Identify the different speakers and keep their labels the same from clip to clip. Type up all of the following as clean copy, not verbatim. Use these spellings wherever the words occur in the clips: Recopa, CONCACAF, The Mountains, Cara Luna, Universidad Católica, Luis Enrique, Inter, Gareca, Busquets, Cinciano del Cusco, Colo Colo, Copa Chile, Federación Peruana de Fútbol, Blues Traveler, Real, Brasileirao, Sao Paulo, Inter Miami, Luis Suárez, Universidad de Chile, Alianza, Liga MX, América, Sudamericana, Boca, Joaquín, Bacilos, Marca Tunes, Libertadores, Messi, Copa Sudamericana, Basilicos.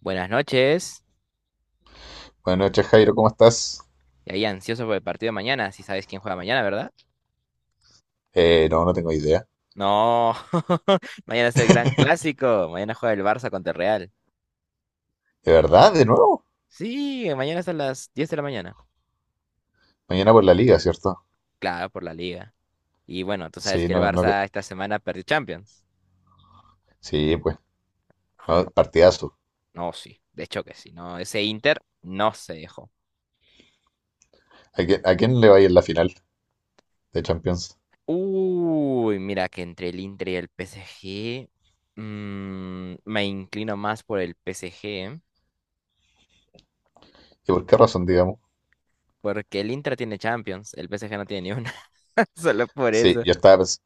Speaker 1: Buenas noches.
Speaker 2: Buenas noches, Jairo, ¿cómo estás?
Speaker 1: Y ahí ansioso por el partido de mañana. Si sabes quién juega mañana, ¿verdad?
Speaker 2: No, no tengo idea.
Speaker 1: No. Mañana es el gran clásico. Mañana juega el Barça contra el Real.
Speaker 2: ¿De verdad? ¿De nuevo?
Speaker 1: Sí, mañana es a las 10 de la mañana.
Speaker 2: Mañana por la liga, ¿cierto?
Speaker 1: Claro, por la liga. Y bueno, tú sabes
Speaker 2: Sí,
Speaker 1: que el
Speaker 2: no, no,
Speaker 1: Barça esta semana perdió Champions.
Speaker 2: sí, pues, no, partidazo.
Speaker 1: No, sí. De hecho que sí. No, ese Inter no se dejó.
Speaker 2: A quién le va a ir en la final de Champions?
Speaker 1: Uy, mira que entre el Inter y el PSG, me inclino más por el PSG.
Speaker 2: ¿Y por qué razón, digamos?
Speaker 1: Porque el Inter tiene Champions, el PSG no tiene ni una. Solo por
Speaker 2: Sí,
Speaker 1: eso.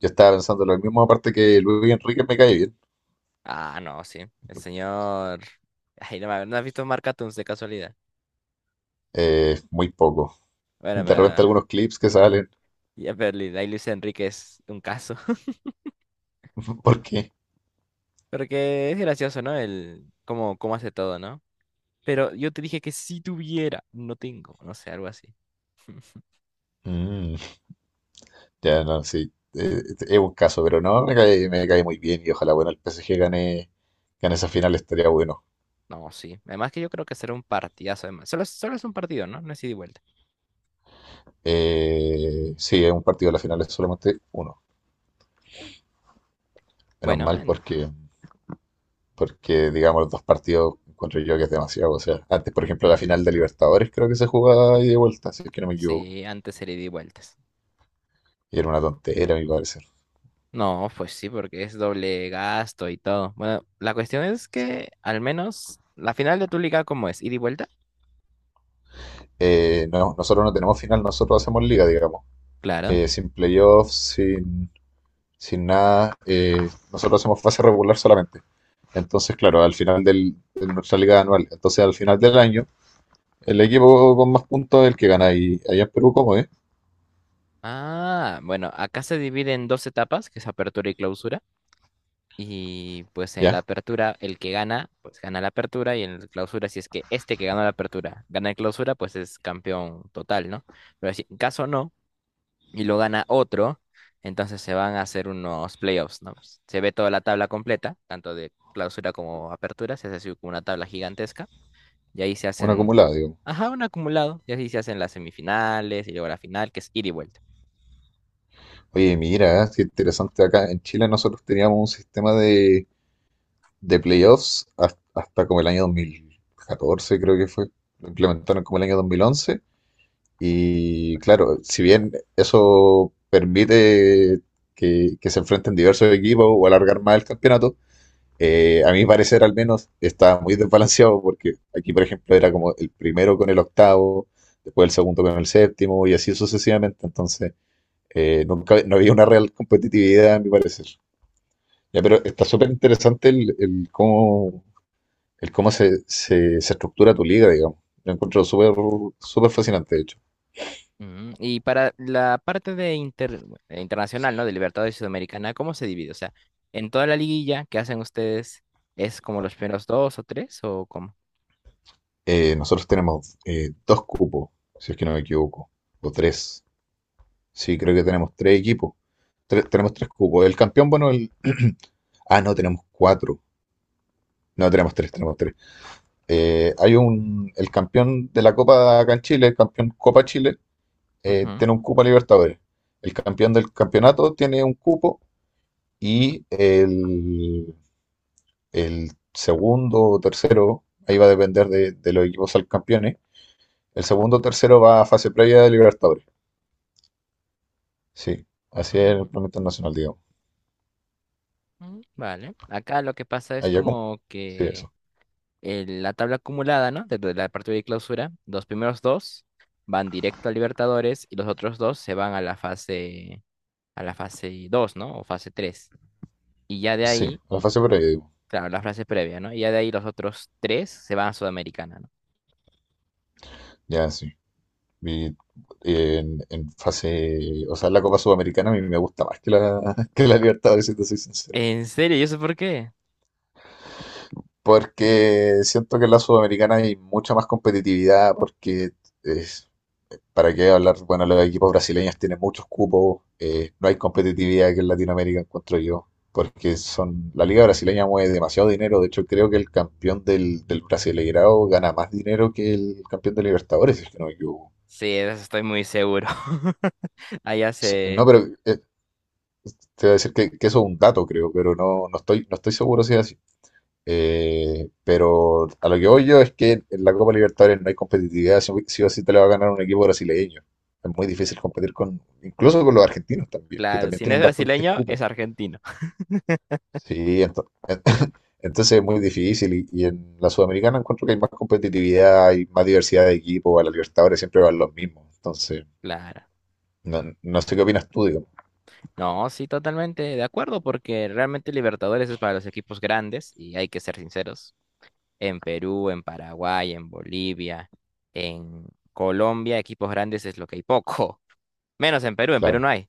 Speaker 2: yo estaba pensando lo mismo, aparte que Luis Enrique me cae bien.
Speaker 1: Ah, no, sí. El señor. Ay, no, ¿no has visto Marca Tunes de casualidad?
Speaker 2: Muy poco.
Speaker 1: Bueno,
Speaker 2: De repente
Speaker 1: pero.
Speaker 2: algunos clips que salen.
Speaker 1: Ya, pero ahí Luis Enrique es un caso.
Speaker 2: ¿Por qué?
Speaker 1: Porque es gracioso, ¿no? El cómo hace todo, ¿no? Pero yo te dije que si tuviera, no tengo, no sé, algo así.
Speaker 2: Mm, ya, no, sí. Es un caso, pero no, me cae muy bien y ojalá, bueno, el PSG gane, gane esa final, estaría bueno.
Speaker 1: No, sí. Además que yo creo que será un partidazo, además. Solo es un partido, ¿no? No es ida y vuelta.
Speaker 2: Sí, es un partido, la final es solamente uno. Menos
Speaker 1: Bueno,
Speaker 2: mal
Speaker 1: en-
Speaker 2: porque, porque, digamos, los dos partidos encuentro yo que es demasiado. O sea, antes, por ejemplo, la final de Libertadores creo que se jugaba ida y de vuelta, si es que no me equivoco.
Speaker 1: sí, antes era ida y vuelta.
Speaker 2: Y era una tontera, a mi parecer.
Speaker 1: No, pues sí, porque es doble gasto y todo. Bueno, la cuestión es que al menos la final de tu liga, ¿cómo es? ¿Ida y vuelta?
Speaker 2: No, nosotros no tenemos final, nosotros hacemos liga, digamos.
Speaker 1: Claro.
Speaker 2: Sin playoffs, sin, sin nada. Nosotros hacemos fase regular solamente. Entonces, claro, al final del, de nuestra liga anual, entonces al final del año, el equipo con más puntos es el que gana. Y allá en Perú, ¿cómo es?
Speaker 1: Ah, bueno, acá se divide en dos etapas, que es apertura y clausura. Y pues en
Speaker 2: Ya.
Speaker 1: la apertura, el que gana, pues gana la apertura. Y en la clausura, si es que este que ganó la apertura gana la clausura, pues es campeón total, ¿no? Pero si en caso no, y lo gana otro, entonces se van a hacer unos playoffs, ¿no? Se ve toda la tabla completa, tanto de clausura como apertura, se hace así como una tabla gigantesca, y ahí se
Speaker 2: Una
Speaker 1: hacen,
Speaker 2: acumulada, digo.
Speaker 1: ajá, un acumulado, y así se hacen las semifinales y luego la final, que es ida y vuelta.
Speaker 2: Oye, mira, qué interesante. Acá en Chile nosotros teníamos un sistema de playoffs hasta, como el año 2014 creo que fue. Lo implementaron como el año 2011. Y claro, si bien eso permite que se enfrenten diversos equipos o alargar más el campeonato, a mi parecer al menos estaba muy desbalanceado porque aquí, por ejemplo, era como el primero con el octavo, después el segundo con el séptimo y así sucesivamente. Entonces, nunca, no había una real competitividad, a mi parecer. Ya, pero está súper interesante el cómo se, se, se estructura tu liga, digamos. Lo encuentro súper súper fascinante, de hecho.
Speaker 1: Ujú. Y para la parte de internacional, ¿no? De Libertadores y Sudamericana, ¿cómo se divide? O sea, en toda la liguilla que hacen ustedes, ¿es como los primeros dos o tres o cómo?
Speaker 2: Nosotros tenemos dos cupos, si es que no me equivoco, o tres. Sí, creo que tenemos tres equipos. Tenemos tres cupos. El campeón, bueno, el... Ah, no, tenemos cuatro. No, tenemos tres, tenemos tres. Hay un... El campeón de la Copa acá en Chile, el campeón Copa Chile,
Speaker 1: Ujú.
Speaker 2: tiene un cupo a Libertadores. El campeón del campeonato tiene un cupo y el segundo o tercero, ahí va a depender de los equipos al campeones, el segundo o tercero va a fase previa de Libertadores. Sí, así es el
Speaker 1: mm,
Speaker 2: plan internacional, digamos.
Speaker 1: Vale. Acá lo que pasa es
Speaker 2: Allá como.
Speaker 1: como
Speaker 2: Sí,
Speaker 1: que
Speaker 2: eso.
Speaker 1: la tabla acumulada, ¿no? Desde la partida de clausura, los primeros dos van directo a Libertadores y los otros dos se van a la fase 2, ¿no? O fase tres. Y ya de
Speaker 2: Sí,
Speaker 1: ahí,
Speaker 2: a la fase previa, digo.
Speaker 1: claro, la frase previa, ¿no? Y ya de ahí los otros tres se van a Sudamericana, ¿no?
Speaker 2: Ya, sí. Y en fase, o sea, la Copa Sudamericana a mí me gusta más que la, que la Libertadores, si te soy sincero.
Speaker 1: ¿En serio? ¿Y eso por qué?
Speaker 2: Porque siento que en la Sudamericana hay mucha más competitividad, porque es- para qué hablar, bueno, los equipos brasileños tienen muchos cupos, no hay competitividad que en Latinoamérica encuentro yo, porque son, la liga brasileña mueve demasiado dinero, de hecho creo que el campeón del, del Brasileirao gana más dinero que el campeón de Libertadores, si es que no me equivoco.
Speaker 1: Sí, de eso estoy muy seguro. Allá
Speaker 2: No,
Speaker 1: se...
Speaker 2: pero eh, te voy a decir que eso es un dato, creo, pero no, no estoy, no estoy seguro si es así. Pero a lo que voy yo es que en la Copa Libertadores no hay competitividad, si o sí te la va a ganar un equipo brasileño. Es muy difícil competir con, incluso con los argentinos también, que
Speaker 1: Claro,
Speaker 2: también
Speaker 1: si no es
Speaker 2: tienen bastantes
Speaker 1: brasileño,
Speaker 2: cupos.
Speaker 1: es argentino.
Speaker 2: Sí, entonces es muy difícil. Y en la Sudamericana encuentro que hay más competitividad, hay más diversidad de equipos, a la Libertadores siempre van los mismos. Entonces,
Speaker 1: Claro.
Speaker 2: no, no sé qué opinas tú, digamos.
Speaker 1: No, sí, totalmente de acuerdo, porque realmente Libertadores es para los equipos grandes y hay que ser sinceros. En Perú, en Paraguay, en Bolivia, en Colombia, equipos grandes es lo que hay poco. Menos en Perú
Speaker 2: Claro.
Speaker 1: no hay.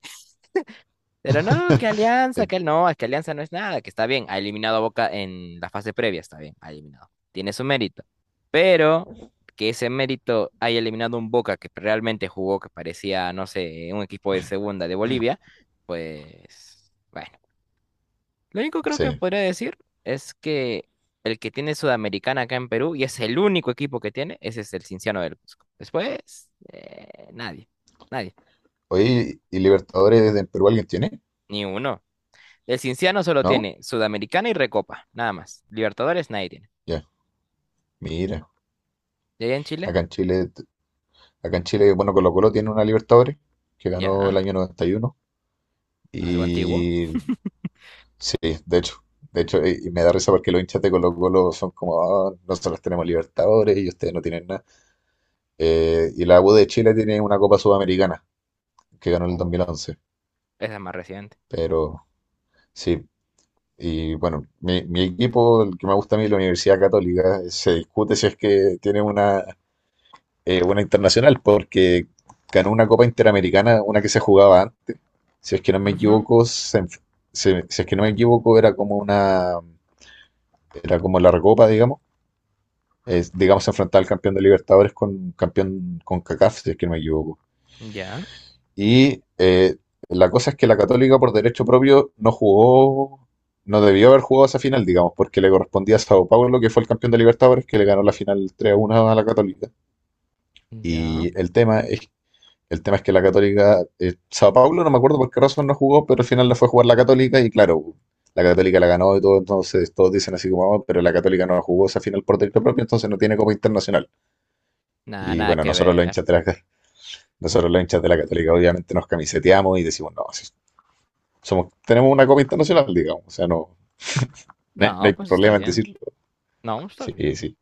Speaker 1: Pero no, que
Speaker 2: Eh,
Speaker 1: Alianza, que no, es que Alianza no es nada, que está bien, ha eliminado a Boca en la fase previa, está bien, ha eliminado. Tiene su mérito. Pero que ese mérito haya eliminado un Boca que realmente jugó, que parecía, no sé, un equipo de segunda de Bolivia, pues bueno, lo único creo que
Speaker 2: sí.
Speaker 1: podría decir es que el que tiene Sudamericana acá en Perú, y es el único equipo que tiene, ese es el Cinciano del Cusco. Después, nadie, nadie,
Speaker 2: Oye, ¿y Libertadores en Perú alguien tiene?
Speaker 1: ni uno. El Cinciano solo
Speaker 2: ¿No?
Speaker 1: tiene Sudamericana y Recopa, nada más. Libertadores nadie tiene.
Speaker 2: Ya, mira.
Speaker 1: ¿Y allá en Chile?
Speaker 2: Acá en Chile Acá en Chile, bueno, Colo Colo tiene una Libertadores que ganó el
Speaker 1: Ya,
Speaker 2: año 91,
Speaker 1: algo antiguo.
Speaker 2: y sí, de hecho, de hecho, y me da risa porque los hinchas de Colo Colo son como, "Ah, nosotros tenemos Libertadores y ustedes no tienen nada." Y la U de Chile tiene una Copa Sudamericana que ganó en el dos
Speaker 1: Oh,
Speaker 2: mil once,
Speaker 1: esa es más reciente.
Speaker 2: Pero sí, y bueno, mi equipo, el que me gusta a mí, la Universidad Católica, se discute si es que tiene una. Una internacional, porque ganó una Copa Interamericana, una que se jugaba antes. Si es que no me
Speaker 1: Ujú.
Speaker 2: equivoco, se enf- se- Si es que no me equivoco, era como una, era como la recopa, digamos. Es, digamos, se enfrentaba al campeón de Libertadores con campeón con CACAF, si es que no me equivoco.
Speaker 1: Ya,
Speaker 2: Y la cosa es que la Católica, por derecho propio, no jugó, no debió haber jugado esa final, digamos, porque le correspondía a Sao Paulo, que fue el campeón de Libertadores, que le ganó la final 3-1 a la Católica.
Speaker 1: ya.
Speaker 2: Y el tema es El tema es que la Católica, Sao Paulo, no me acuerdo por qué razón no jugó, pero al final la fue a jugar la Católica y claro, la Católica la ganó y todo, entonces todos dicen así como, "Ah, pero la Católica no jugó esa final por derecho propio, entonces no tiene Copa Internacional."
Speaker 1: Nada,
Speaker 2: Y
Speaker 1: nada
Speaker 2: bueno,
Speaker 1: que
Speaker 2: nosotros los
Speaker 1: ver.
Speaker 2: hinchas de la, nosotros los hinchas de la Católica obviamente nos camiseteamos y decimos, no, si somos, tenemos una Copa Internacional, digamos, o sea, no, no
Speaker 1: No,
Speaker 2: hay
Speaker 1: pues está
Speaker 2: problema en
Speaker 1: bien.
Speaker 2: decirlo.
Speaker 1: No, está
Speaker 2: Sí,
Speaker 1: bien.
Speaker 2: sí,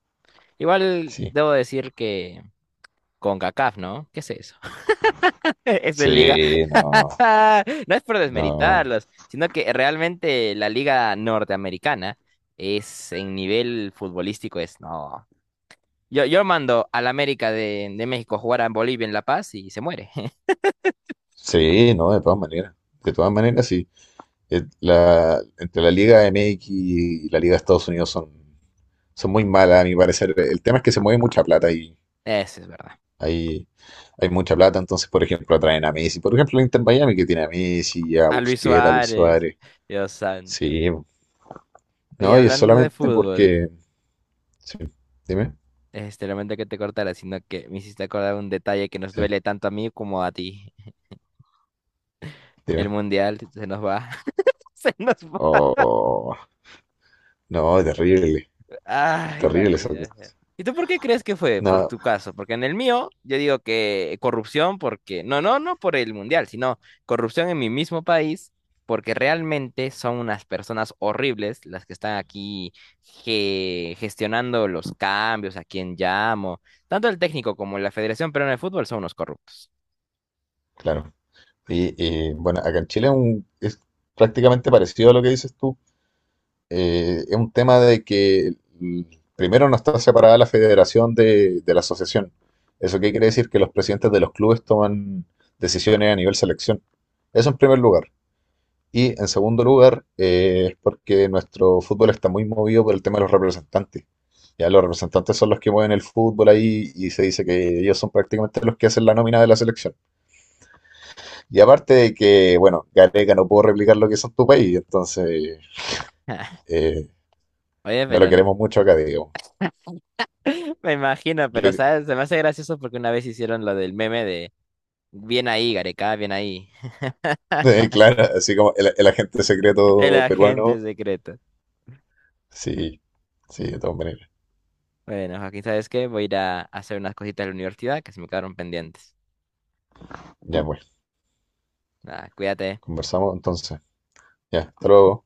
Speaker 1: Igual
Speaker 2: sí,
Speaker 1: debo decir que con CONCACAF, ¿no? ¿Qué es eso? Eso es liga.
Speaker 2: sí, no,
Speaker 1: No es por
Speaker 2: no,
Speaker 1: desmeritarlos, sino que realmente la liga norteamericana es en nivel futbolístico es no. Yo mando al América de México a jugar a Bolivia en La Paz y se muere.
Speaker 2: sí, no, de todas maneras, sí. Entre la Liga MX y la Liga de Estados Unidos son, son muy malas, a mi parecer. El tema es que se mueve mucha plata y
Speaker 1: Eso es verdad.
Speaker 2: hay, hay mucha plata. Entonces, por ejemplo, atraen a Messi. Por ejemplo, el Inter Miami que tiene a Messi, a
Speaker 1: A Luis
Speaker 2: Busquets, a Luis
Speaker 1: Suárez,
Speaker 2: Suárez.
Speaker 1: Dios santo.
Speaker 2: Sí,
Speaker 1: Oye,
Speaker 2: no, y es
Speaker 1: hablando de
Speaker 2: solamente
Speaker 1: fútbol,
Speaker 2: porque. Sí, dime,
Speaker 1: este, lamento que te cortara, sino que me hiciste acordar un detalle que nos
Speaker 2: sí,
Speaker 1: duele tanto a mí como a ti. El
Speaker 2: dime.
Speaker 1: mundial se nos va. Se nos va.
Speaker 2: Oh, no, terrible,
Speaker 1: Ay,
Speaker 2: terrible esa
Speaker 1: maldita
Speaker 2: cosa.
Speaker 1: sea. ¿Y tú por qué crees que fue? Por
Speaker 2: No,
Speaker 1: tu caso. Porque en el mío, yo digo que corrupción porque, no, no, no por el mundial, sino corrupción en mi mismo país, porque realmente son unas personas horribles las que están aquí gestionando los cambios, a quién llamo. Tanto el técnico como la Federación Peruana de Fútbol son unos corruptos.
Speaker 2: claro. Y, y, bueno, acá en Chile es prácticamente parecido a lo que dices tú. Es un tema de que mm, primero no está separada la federación de la asociación. ¿Eso qué quiere decir? Que los presidentes de los clubes toman decisiones a nivel selección. Eso en primer lugar. Y en segundo lugar, es porque nuestro fútbol está muy movido por el tema de los representantes. Ya los representantes son los que mueven el fútbol ahí y se dice que ellos son prácticamente los que hacen la nómina de la selección. Y aparte de que, bueno, Gareca no puedo replicar lo que hizo en tu país, entonces eh,
Speaker 1: Oye,
Speaker 2: no
Speaker 1: pero
Speaker 2: lo
Speaker 1: n-
Speaker 2: queremos mucho acá, digamos.
Speaker 1: me imagino,
Speaker 2: Yo
Speaker 1: pero sabes, se me hace gracioso porque una vez hicieron lo del meme de bien ahí, Gareca, bien ahí.
Speaker 2: Claro, así como el agente
Speaker 1: El
Speaker 2: secreto
Speaker 1: agente
Speaker 2: peruano.
Speaker 1: secreto.
Speaker 2: Sí, sí, de todas maneras.
Speaker 1: Bueno, Joaquín, ¿sabes qué? Voy a ir a hacer unas cositas de la universidad que se me quedaron pendientes.
Speaker 2: Ya pues,
Speaker 1: Nada, cuídate.
Speaker 2: conversamos entonces. Ya, hasta luego.